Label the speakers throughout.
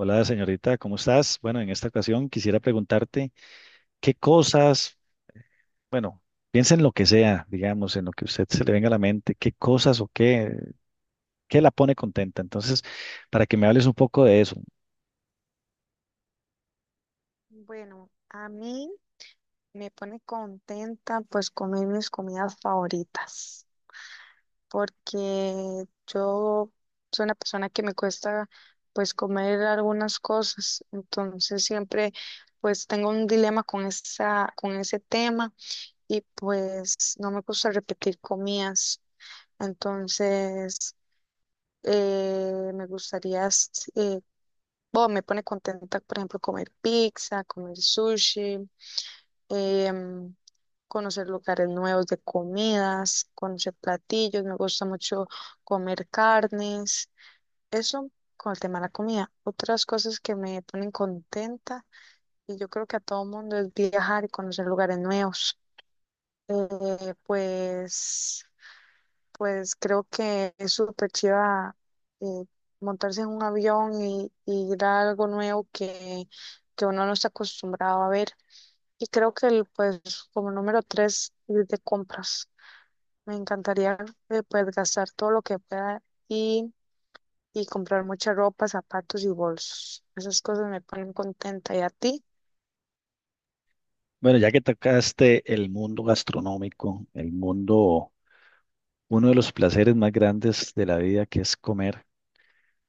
Speaker 1: Hola, señorita, ¿cómo estás? Bueno, en esta ocasión quisiera preguntarte qué cosas, bueno, piensa en lo que sea, digamos, en lo que a usted se le venga a la mente, qué cosas o qué, qué la pone contenta. Entonces, para que me hables un poco de eso.
Speaker 2: Bueno, a mí me pone contenta pues comer mis comidas favoritas, porque yo soy una persona que me cuesta pues comer algunas cosas, entonces siempre pues tengo un dilema con con ese tema y pues no me gusta repetir comidas, entonces me gustaría, bueno, me pone contenta por ejemplo comer pizza, comer sushi em, conocer lugares nuevos de comidas, conocer platillos, me gusta mucho comer carnes, eso con el tema de la comida. Otras cosas que me ponen contenta y yo creo que a todo mundo es viajar y conocer lugares nuevos. Eh, pues pues creo que es súper chiva, eh, montarse en un avión y ir a algo nuevo que uno no está acostumbrado a ver. Y creo que pues como número tres, ir de compras. Me encantaría, pues gastar todo lo que pueda y, y comprar mucha ropa, zapatos y bolsos. Esas cosas me ponen contenta. ¿Y a ti?
Speaker 1: Bueno, ya que tocaste el mundo gastronómico, el mundo, uno de los placeres más grandes de la vida que es comer,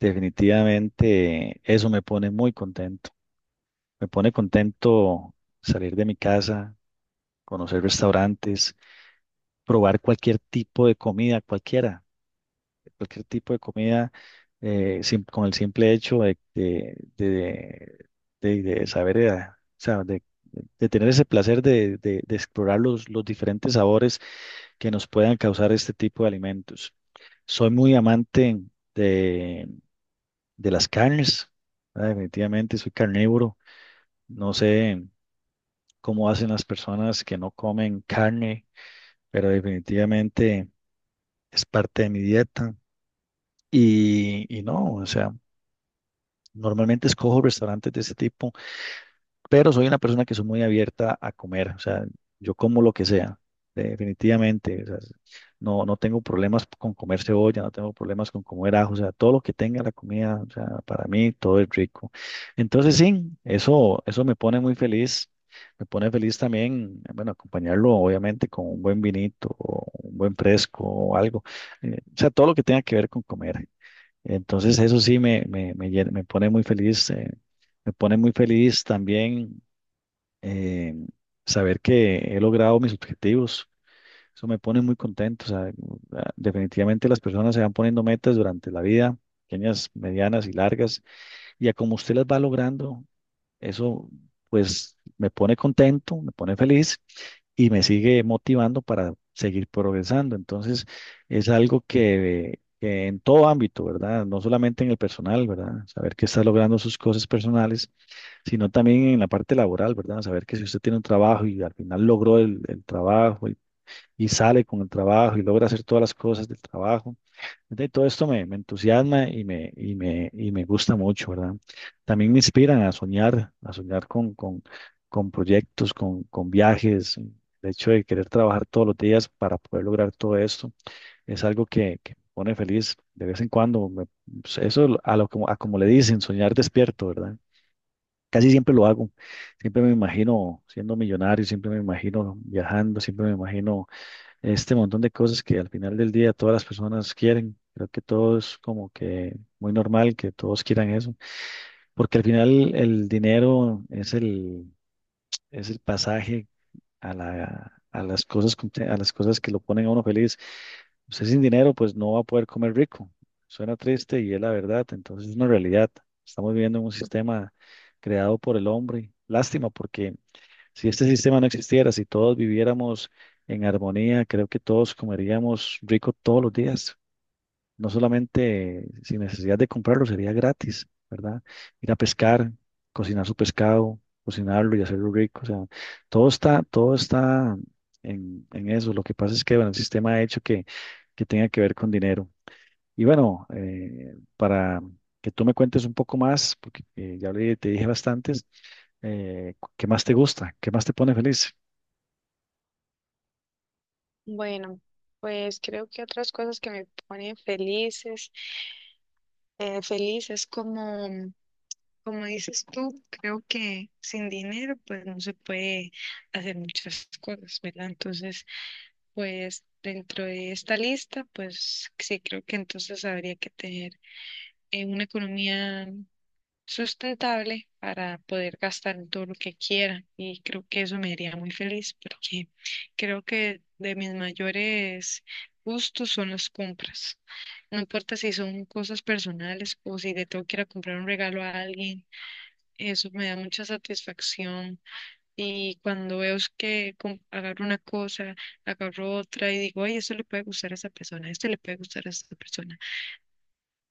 Speaker 1: definitivamente eso me pone muy contento. Me pone contento salir de mi casa, conocer restaurantes, probar cualquier tipo de comida, cualquiera, cualquier tipo de comida, con el simple hecho de saber, o sea, de, tener ese placer de explorar los diferentes sabores que nos puedan causar este tipo de alimentos. Soy muy amante de, de las carnes, ¿verdad? Definitivamente soy carnívoro. No sé cómo hacen las personas que no comen carne, pero definitivamente es parte de mi dieta. Y no, o sea, normalmente escojo restaurantes de ese tipo, pero soy una persona que soy muy abierta a comer, o sea, yo como lo que sea, definitivamente, o sea, no tengo problemas con comer cebolla, no tengo problemas con comer ajo, o sea, todo lo que tenga la comida, o sea, para mí todo es rico. Entonces sí, eso me pone muy feliz, me pone feliz también, bueno, acompañarlo obviamente con un buen vinito, o un buen fresco o algo, o sea, todo lo que tenga que ver con comer. Entonces eso sí me pone muy feliz, me pone muy feliz también, eh, saber que he logrado mis objetivos. Eso me pone muy contento. O sea, definitivamente las personas se van poniendo metas durante la vida, pequeñas, medianas y largas, y a como usted las va logrando, eso pues me pone contento, me pone feliz y me sigue motivando para seguir progresando. Entonces es algo que en todo ámbito, ¿verdad? No solamente en el personal, ¿verdad? Saber que está logrando sus cosas personales, sino también en la parte laboral, ¿verdad? Saber que si usted tiene un trabajo y al final logró el trabajo y sale con el trabajo y logra hacer todas las cosas del trabajo, de todo esto me entusiasma y me gusta mucho, ¿verdad? También me inspiran a soñar con proyectos, con viajes. El hecho de querer trabajar todos los días para poder lograr todo esto es algo que me pone feliz de vez en cuando. Pues eso, a como le dicen, soñar despierto, ¿verdad? Casi siempre lo hago. Siempre me imagino siendo millonario, siempre me imagino viajando, siempre me imagino este montón de cosas que al final del día todas las personas quieren. Creo que todo es como que muy normal que todos quieran eso, porque al final el dinero es el pasaje a la, a las cosas, a las cosas que lo ponen a uno feliz. Usted sin dinero pues no va a poder comer rico. Suena triste y es la verdad, entonces es una realidad. Estamos viviendo en un sistema creado por el hombre. Lástima porque si este sistema no existiera, si todos viviéramos en armonía, creo que todos comeríamos rico todos los días, no solamente sin necesidad de comprarlo, sería gratis, ¿verdad? Ir a pescar, cocinar su pescado, cocinarlo y hacerlo rico, o sea, todo está en eso. Lo que pasa es que, bueno, el sistema ha hecho que tenga que ver con dinero. Y bueno, para que tú me cuentes un poco más, porque te dije bastantes, ¿qué más te gusta? ¿Qué más te pone feliz?
Speaker 2: Bueno, pues creo que otras cosas que me ponen felices, feliz, es como dices tú, creo que sin dinero pues no se puede hacer muchas cosas, ¿verdad? Entonces, pues dentro de esta lista, pues sí creo que entonces habría que tener, una economía sustentable para poder gastar en todo lo que quiera, y creo que eso me haría muy feliz porque creo que de mis mayores gustos son las compras. No importa si son cosas personales o si le tengo que ir a comprar un regalo a alguien, eso me da mucha satisfacción. Y cuando veo es que agarro una cosa, agarro otra y digo, ay, esto le puede gustar a esa persona, este le puede gustar a esa persona.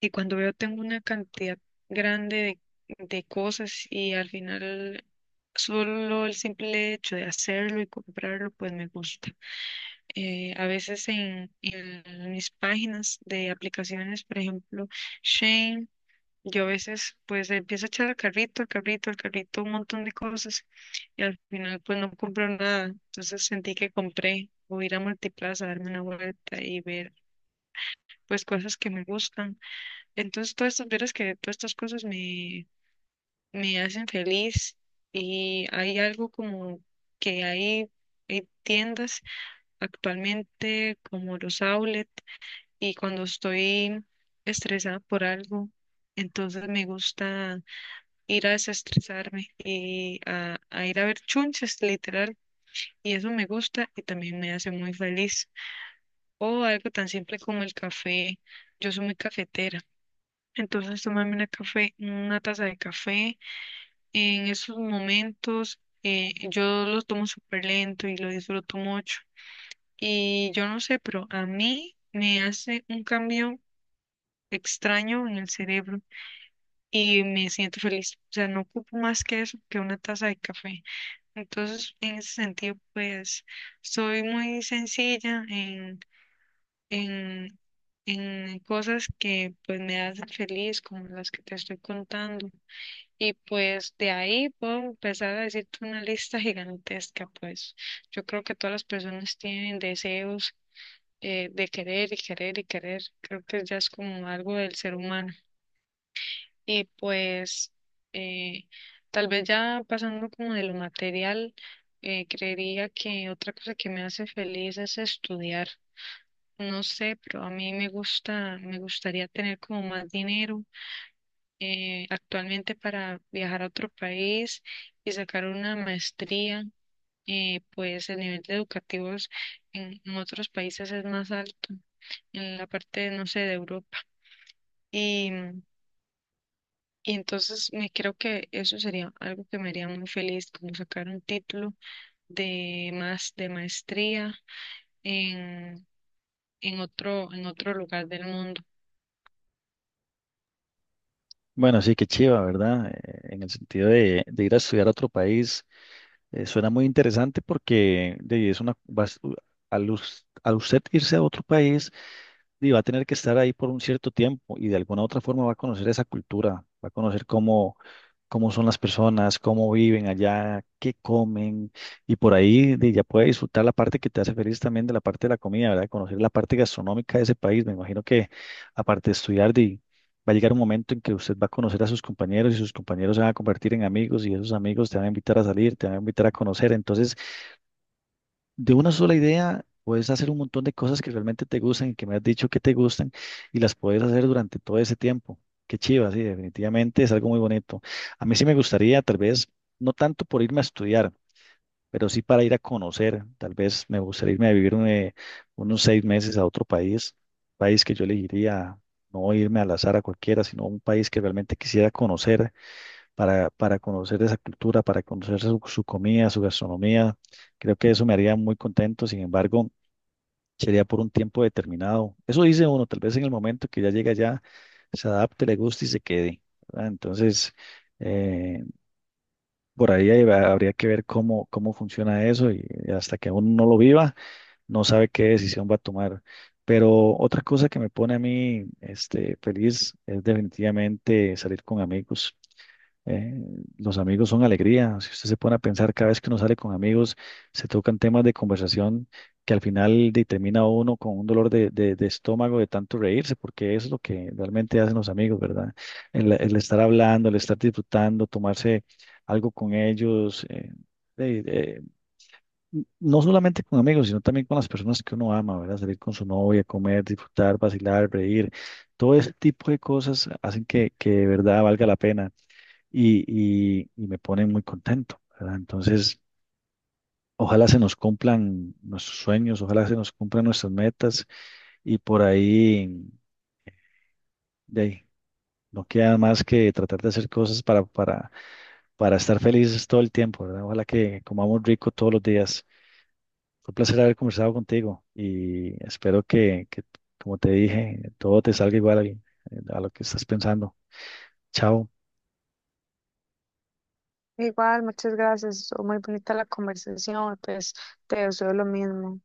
Speaker 2: Y cuando veo tengo una cantidad grande de cosas, y al final solo el simple hecho de hacerlo y comprarlo, pues me gusta. A veces en mis páginas de aplicaciones, por ejemplo, Shane, yo a veces pues empiezo a echar al carrito, al carrito, al carrito, un montón de cosas y al final pues no compro nada. Entonces sentí que compré, o ir a Multiplaza, darme una vuelta y ver pues cosas que me gustan. Entonces veras que todas estas cosas me, me hacen feliz. Y hay algo como que hay tiendas actualmente como los outlet, y cuando estoy estresada por algo, entonces me gusta ir a desestresarme y a ir a ver chunches, literal. Y eso me gusta y también me hace muy feliz. O algo tan simple como el café. Yo soy muy cafetera. Entonces tomarme una taza de café en esos momentos, yo lo tomo súper lento y lo disfruto mucho. Y yo no sé, pero a mí me hace un cambio extraño en el cerebro y me siento feliz. O sea, no ocupo más que eso, que una taza de café. Entonces, en ese sentido, pues soy muy sencilla en, en cosas que pues me hacen feliz, como las que te estoy contando. Y pues de ahí puedo empezar a decirte una lista gigantesca. Pues yo creo que todas las personas tienen deseos, de querer y querer y querer. Creo que ya es como algo del ser humano. Y eh, tal vez ya pasando como de lo material, creería que otra cosa que me hace feliz es estudiar. No sé, pero a mí me gusta, me gustaría tener como más dinero, actualmente, para viajar a otro país y sacar una maestría. Pues el nivel de educativos en otros países es más alto, en la parte, no sé, de Europa. y Y entonces, me creo que eso sería algo que me haría muy feliz, como sacar un título de más, de maestría, en, en otro lugar del mundo.
Speaker 1: Bueno, sí, qué chiva, ¿verdad? En el sentido de ir a estudiar a otro país, suena muy interesante porque de, es una, vas- u- al, us- al usted irse a otro país, y va a tener que estar ahí por un cierto tiempo y de alguna otra forma va a conocer esa cultura, va a conocer cómo, cómo son las personas, cómo viven allá, qué comen, y por ahí ya puedes disfrutar la parte que te hace feliz también de la parte de la comida, ¿verdad? Conocer la parte gastronómica de ese país. Me imagino que aparte de estudiar, va a llegar un momento en que usted va a conocer a sus compañeros y sus compañeros se van a convertir en amigos y esos amigos te van a invitar a salir, te van a invitar a conocer. Entonces, de una sola idea puedes hacer un montón de cosas que realmente te gustan y que me has dicho que te gustan y las puedes hacer durante todo ese tiempo. Qué chiva, sí, definitivamente es algo muy bonito. A mí sí me gustaría, tal vez, no tanto por irme a estudiar, pero sí para ir a conocer. Tal vez me gustaría irme a vivir unos 6 meses a otro país, país que yo elegiría, no irme al azar a cualquiera, sino un país que realmente quisiera conocer para conocer esa cultura, para conocer su, su comida, su gastronomía. Creo que eso me haría muy contento. Sin embargo, sería por un tiempo determinado. Eso dice uno, tal vez en el momento que ya llega allá, se adapte, le guste y se quede, ¿verdad? Entonces, eh, por ahí habría que ver cómo, cómo funciona eso y hasta que uno no lo viva, no sabe qué decisión va a tomar. Pero otra cosa que me pone a mí, este, feliz es definitivamente salir con amigos. Eh, los amigos son alegría. Si usted se pone a pensar, cada vez que uno sale con amigos, se tocan temas de conversación que al final termina uno con un dolor de estómago de tanto reírse, porque eso es lo que realmente hacen los amigos, ¿verdad? El estar hablando, el estar disfrutando, tomarse algo con ellos. Eh, eh, no solamente con amigos, sino también con las personas que uno ama, ¿verdad? Salir con su novia, comer, disfrutar, vacilar, reír. Todo ese tipo de cosas hacen que de verdad valga la pena y me pone muy contento, ¿verdad? Entonces, ojalá se nos cumplan nuestros sueños, ojalá se nos cumplan nuestras metas y por ahí, de ahí, no queda más que tratar de hacer cosas para estar felices todo el tiempo, ¿verdad? Ojalá que comamos rico todos los días. Fue un placer haber conversado contigo y espero que, como te dije, todo te salga igual a lo que estás pensando. Chao.
Speaker 2: Igual, muchas gracias. Estuvo muy bonita la conversación. Pues te deseo lo mismo.